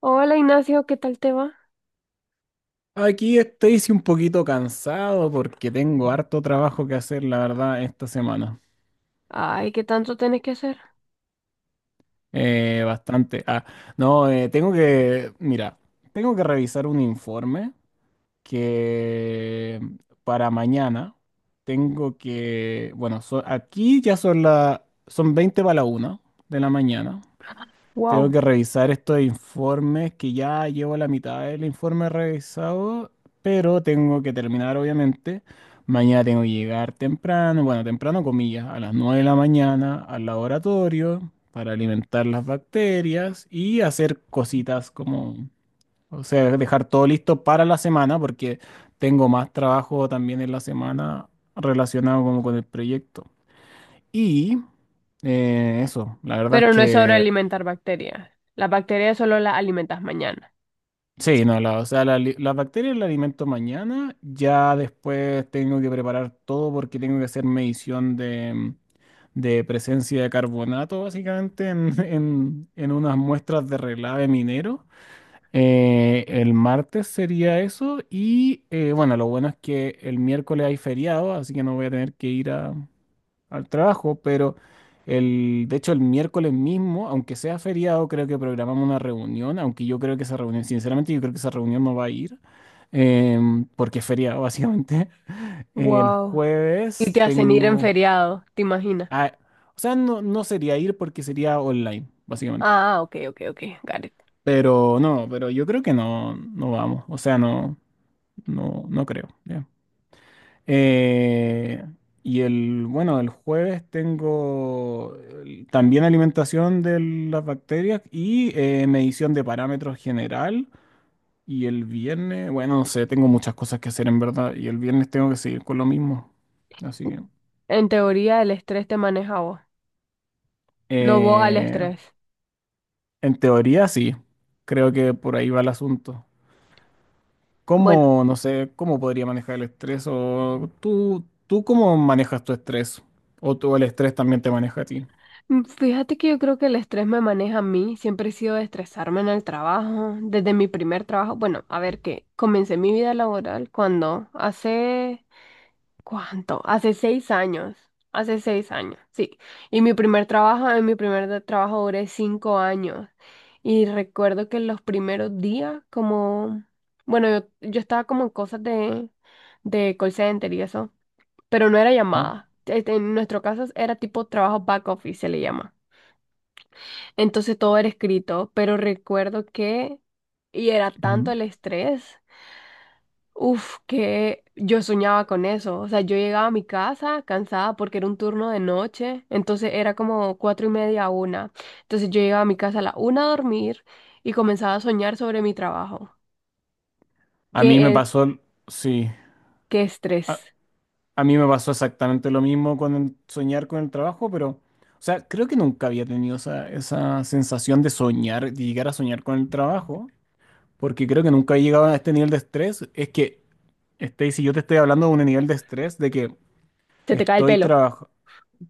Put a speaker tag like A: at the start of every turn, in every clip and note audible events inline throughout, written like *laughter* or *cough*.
A: Hola Ignacio, ¿qué tal te va?
B: Aquí estoy sí, un poquito cansado porque tengo harto trabajo que hacer, la verdad, esta semana.
A: Ay, ¿qué tanto tienes que hacer?
B: Bastante. No, tengo que, mira, tengo que revisar un informe que para mañana tengo que, bueno, aquí ya son la, son 12:40 de la mañana. Tengo
A: Wow.
B: que revisar estos informes que ya llevo la mitad del informe revisado, pero tengo que terminar obviamente. Mañana tengo que llegar temprano, bueno, temprano comillas, a las 9 de la mañana al laboratorio para alimentar las bacterias y hacer cositas como, o sea, dejar todo listo para la semana porque tengo más trabajo también en la semana relacionado como con el proyecto. Y eso, la verdad es
A: Pero no es sobre
B: que
A: alimentar bacterias. Las bacterias solo las alimentas mañana.
B: sí. No, la, o sea, las bacterias las alimento mañana, ya después tengo que preparar todo porque tengo que hacer medición de, de presencia de carbonato, básicamente, en, *laughs* en unas muestras de relave minero. El martes sería eso y, bueno, lo bueno es que el miércoles hay feriado, así que no voy a tener que ir a al trabajo, pero el, de hecho el miércoles mismo, aunque sea feriado, creo que programamos una reunión, aunque yo creo que esa reunión, sinceramente yo creo que esa reunión no va a ir, porque es feriado básicamente. *laughs* El
A: Wow. Y
B: jueves
A: te hacen ir en
B: tengo...
A: feriado, ¿te imaginas?
B: ah, o sea, no, no sería ir porque sería online, básicamente.
A: Ah, ok, ok, ok, got it.
B: Pero no, pero yo creo que no, no vamos, o sea, no, no creo. Eh, y el, bueno, el jueves tengo también alimentación de las bacterias y medición de parámetros general. Y el viernes, bueno, no sé, tengo muchas cosas que hacer en verdad. Y el viernes tengo que seguir con lo mismo. Así que,
A: En teoría, el estrés te maneja a vos, no vos al
B: eh,
A: estrés.
B: en teoría sí, creo que por ahí va el asunto.
A: Bueno,
B: ¿Cómo, no sé, cómo podría manejar el estrés? ¿O tú cómo manejas tu estrés? ¿O tú el estrés también te maneja a ti?
A: fíjate que yo creo que el estrés me maneja a mí. Siempre he sido de estresarme en el trabajo, desde mi primer trabajo. Bueno, a ver que comencé mi vida laboral cuando hace ¿cuánto? Hace 6 años. Hace seis años, sí. Y mi primer trabajo, en mi primer trabajo duré cinco años. Y recuerdo que los primeros días, como, bueno, yo estaba como en cosas de, call center y eso, pero no era
B: ¿Ah?
A: llamada. Este, en nuestro caso era tipo trabajo back office, se le llama. Entonces todo era escrito, pero recuerdo que, y era tanto
B: Ujú.
A: el estrés. Uf, que yo soñaba con eso. O sea, yo llegaba a mi casa cansada porque era un turno de noche, entonces era como 4:30 a una. Entonces yo llegaba a mi casa a la una a dormir y comenzaba a soñar sobre mi trabajo.
B: A mí me
A: ¿Qué es?
B: pasó, sí,
A: ¿Qué
B: a,
A: estrés?
B: a mí me pasó exactamente lo mismo con el soñar con el trabajo, pero, o sea, creo que nunca había tenido esa, esa sensación de soñar, de llegar a soñar con el trabajo, porque creo que nunca he llegado a este nivel de estrés. Es que, este, si yo te estoy hablando de un nivel de estrés de que
A: Se te cae el
B: estoy
A: pelo.
B: trabajando,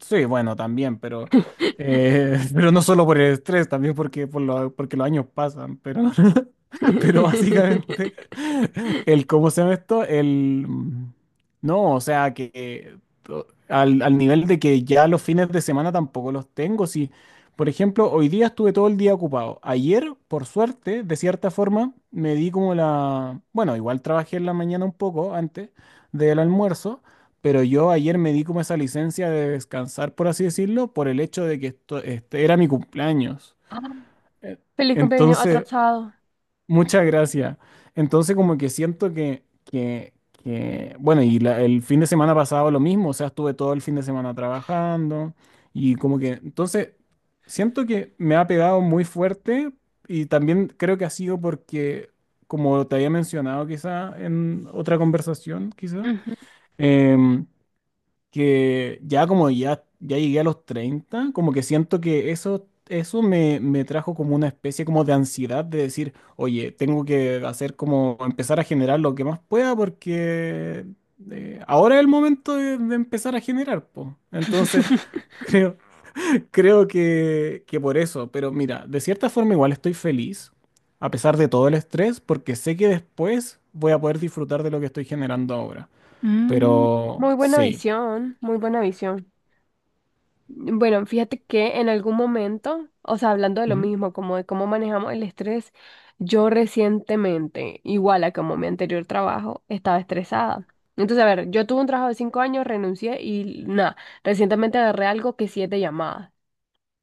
B: sí, bueno, también, pero, *laughs* pero no solo por el estrés, también porque, porque los años pasan, pero... *laughs* Pero básicamente,
A: *laughs*
B: *laughs* el cómo se llama esto, el mm, no, o sea que al, al nivel de que ya los fines de semana tampoco los tengo. Si, por ejemplo, hoy día estuve todo el día ocupado. Ayer, por suerte, de cierta forma, me di como la, bueno, igual trabajé en la mañana un poco antes del almuerzo, pero yo ayer me di como esa licencia de descansar, por así decirlo, por el hecho de que esto, este, era mi cumpleaños. Eh,
A: Feliz cumpleaños
B: Entonces.
A: atrasado.
B: Muchas gracias. Entonces, como que siento que bueno, y el fin de semana pasado lo mismo, o sea, estuve todo el fin de semana trabajando y como que, entonces, siento que me ha pegado muy fuerte y también creo que ha sido porque, como te había mencionado quizá en otra conversación, quizá,
A: Ujú.
B: em, que ya como ya llegué a los 30 como que siento que eso me, me trajo como una especie como de ansiedad de decir, oye, tengo que hacer como empezar a generar lo que más pueda porque ahora es el momento de empezar a generar, po. Entonces, *laughs*
A: *laughs*
B: creo, creo que por eso, pero mira, de cierta forma igual estoy feliz, a pesar de todo el estrés, porque sé que después voy a poder disfrutar de lo que estoy generando ahora.
A: Mm,
B: Pero
A: Muy buena
B: sí.
A: visión, muy buena visión. Bueno, fíjate que en algún momento, o sea, hablando de lo
B: Ujú.
A: mismo, como de cómo manejamos el estrés, yo recientemente, igual a como mi anterior trabajo, estaba estresada. Entonces, a ver, yo tuve un trabajo de 5 años, renuncié y nada, recientemente agarré algo que siete llamadas.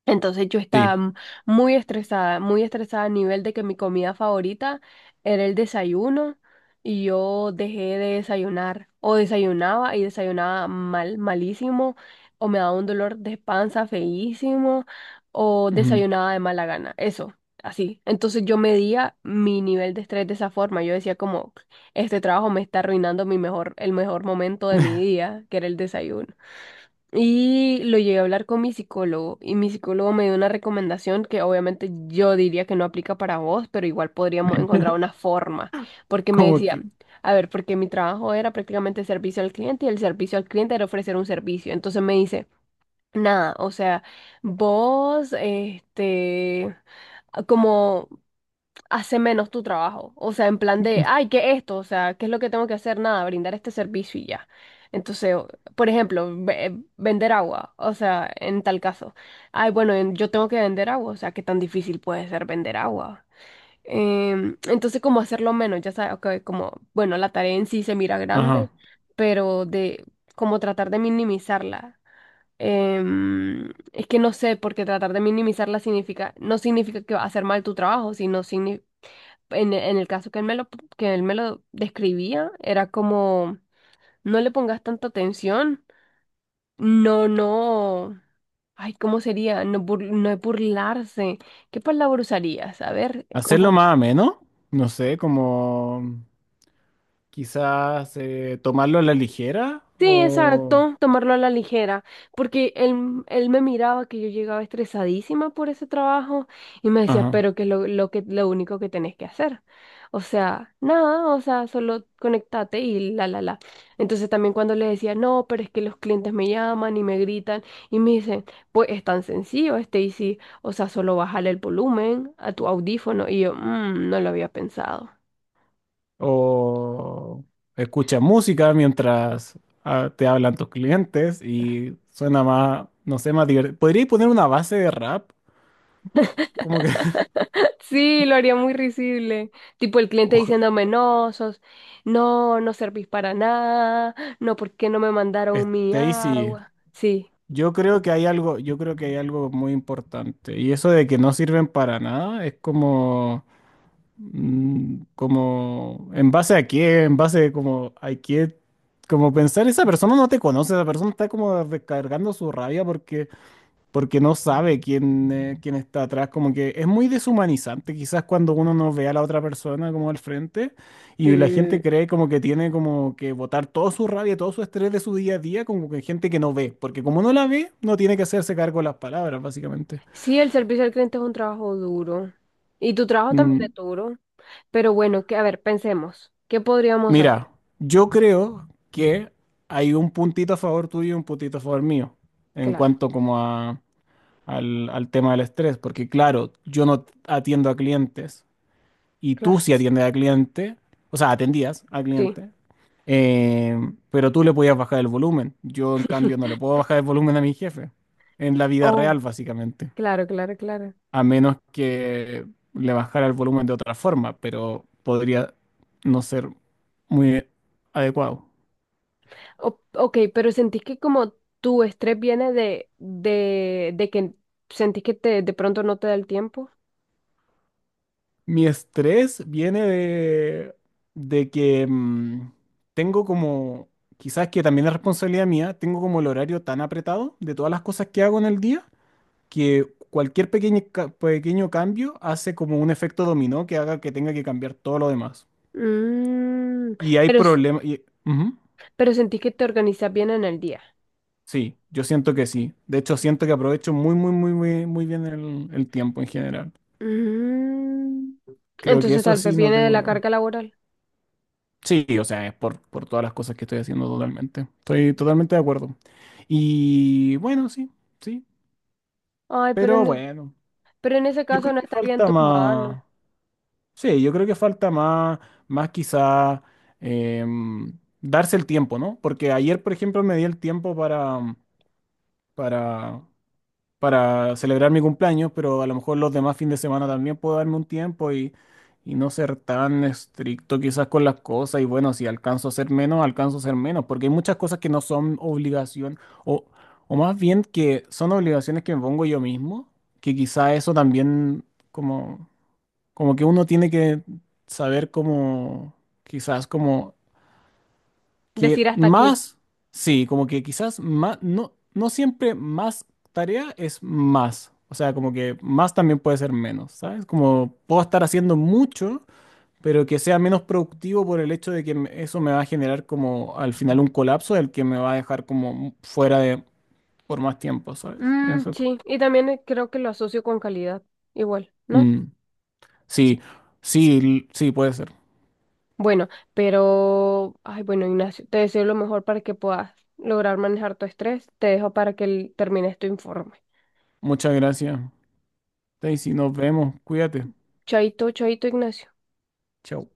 A: Entonces yo estaba muy estresada a nivel de que mi comida favorita era el desayuno y yo dejé de desayunar o desayunaba y desayunaba mal, malísimo, o me daba un dolor de panza feísimo, o
B: Ujú.
A: desayunaba de mala gana, eso, así. Entonces yo medía mi nivel de estrés de esa forma, yo decía como este trabajo me está arruinando mi mejor, el mejor momento de mi día, que era el desayuno. Y lo llegué a hablar con mi psicólogo y mi psicólogo me dio una recomendación que obviamente yo diría que no aplica para vos, pero igual podríamos encontrar
B: *laughs*
A: una forma, porque me
B: Como
A: decía,
B: que,
A: a ver, porque mi trabajo era prácticamente servicio al cliente y el servicio al cliente era ofrecer un servicio. Entonces me dice, nada, o sea, vos, este, como hace menos tu trabajo. O sea, en plan de, ay, ¿qué es esto? O sea, ¿qué es lo que tengo que hacer? Nada, brindar este servicio y ya. Entonces, por ejemplo, vender agua. O sea, en tal caso, ay, bueno, yo tengo que vender agua. O sea, ¿qué tan difícil puede ser vender agua? Entonces, como hacerlo menos, ya sabes, ok, como, bueno, la tarea en sí se mira grande,
B: ajá,
A: pero de como tratar de minimizarla. Es que no sé, porque tratar de minimizarla significa, no significa que va a hacer mal tu trabajo, sino significa en el caso que él me lo describía, era como, no le pongas tanta atención, no, no, ay, ¿cómo sería? No, no es burlarse, ¿qué palabra usarías? A ver,
B: hacerlo más ameno, no sé, como quizás tomarlo a la ligera
A: sí,
B: o,
A: exacto, tomarlo a la ligera, porque él me miraba que yo llegaba estresadísima por ese trabajo y me decía,
B: ajá,
A: pero que es lo que, lo único que tenés que hacer. O sea, nada, o sea, solo conectate y la, la, la. Entonces también cuando le decía, no, pero es que los clientes me llaman y me gritan y me dicen, pues es tan sencillo, Stacy, o sea, solo bájale el volumen a tu audífono y yo, "Mm, no lo había pensado".
B: o escucha música mientras te hablan tus clientes y suena más, no sé, más divertido. ¿Podríais poner una base de rap? Como que, *laughs*
A: Sí, lo haría muy risible. Tipo el cliente
B: oja,
A: diciéndome, no, sos, no, no servís para nada, no, ¿por qué no me mandaron mi
B: Stacy,
A: agua? Sí.
B: yo creo que hay algo, yo creo que hay algo muy importante y eso de que no sirven para nada es como mm. Como, ¿en base a qué? ¿En base como a qué? Como pensar, esa persona no te conoce, esa persona está como descargando su rabia porque, porque no sabe quién, quién está atrás. Como que es muy deshumanizante quizás cuando uno no ve a la otra persona como al frente y la
A: Sí,
B: gente cree como que tiene como que botar toda su rabia, todo su estrés de su día a día como que gente que no ve, porque como no la ve, no tiene que hacerse cargo de las palabras, básicamente.
A: sí, el servicio al cliente es un trabajo duro. Y tu trabajo también
B: Mm.
A: es duro. Pero bueno, que, a ver, pensemos. ¿Qué podríamos
B: Mira,
A: hacer?
B: yo creo que hay un puntito a favor tuyo y un puntito a favor mío en
A: Claro,
B: cuanto como al, al tema del estrés, porque claro, yo no atiendo a clientes y tú
A: claro.
B: sí atiendes a cliente, o sea, atendías a
A: Sí.
B: cliente, eh, pero tú le podías bajar el volumen. Yo en cambio no le puedo
A: *laughs*
B: bajar el volumen a mi jefe en la vida
A: Oh,
B: real, básicamente,
A: claro, claro, claro.
B: a menos que le bajara el volumen de otra forma, pero podría no ser muy adecuado.
A: Ok, pero sentís que como tu estrés viene de que sentís que te, de pronto no te da el tiempo.
B: Mi estrés viene de que tengo como, quizás que también es responsabilidad mía, tengo como el horario tan apretado de todas las cosas que hago en el día que cualquier pequeño, pequeño cambio hace como un efecto dominó que haga que tenga que cambiar todo lo demás.
A: Mm,
B: Y hay
A: pero, s-
B: problemas. Ujú.
A: pero sentís que te organizas bien en el día.
B: Sí, yo siento que sí. De hecho, siento que aprovecho muy, muy, muy, muy, muy bien el tiempo en general.
A: Mm,
B: Creo que
A: entonces
B: eso
A: tal vez
B: sí no
A: viene de
B: tengo.
A: la
B: No.
A: carga laboral.
B: Sí, o sea, es por todas las cosas que estoy haciendo totalmente. Estoy totalmente de acuerdo. Y bueno, sí, sí,
A: Ay,
B: pero bueno,
A: pero en ese
B: yo
A: caso
B: creo
A: no
B: que
A: estaría en
B: falta
A: tus manos
B: más, sí, yo creo que falta más, más quizá darse el tiempo, ¿no? Porque ayer, por ejemplo, me di el tiempo para, para para celebrar mi cumpleaños, pero a lo mejor los demás fines de semana también puedo darme un tiempo y no ser tan estricto quizás con las cosas. Y bueno, si alcanzo a hacer menos, alcanzo a hacer menos, porque hay muchas cosas que no son obligación, o, o más bien que son obligaciones que me pongo yo mismo, que quizás eso también como, como que uno tiene que saber cómo, quizás como que
A: decir hasta aquí.
B: más, sí, como que quizás más, no, no siempre más tarea es más. O sea, como que más también puede ser menos, ¿sabes? Como puedo estar haciendo mucho, pero que sea menos productivo por el hecho de que eso me va a generar como al final un colapso del que me va a dejar como fuera de por más tiempo, ¿sabes?
A: Mm,
B: Eso.
A: sí, y también creo que lo asocio con calidad, igual, ¿no?
B: Mm. Sí, sí, sí, puede ser.
A: Bueno, pero, ay, bueno, Ignacio, te deseo lo mejor para que puedas lograr manejar tu estrés. Te dejo para que termines tu informe.
B: Muchas gracias, Daisy. Nos vemos. Cuídate.
A: Chaito, chaito, Ignacio.
B: Chao.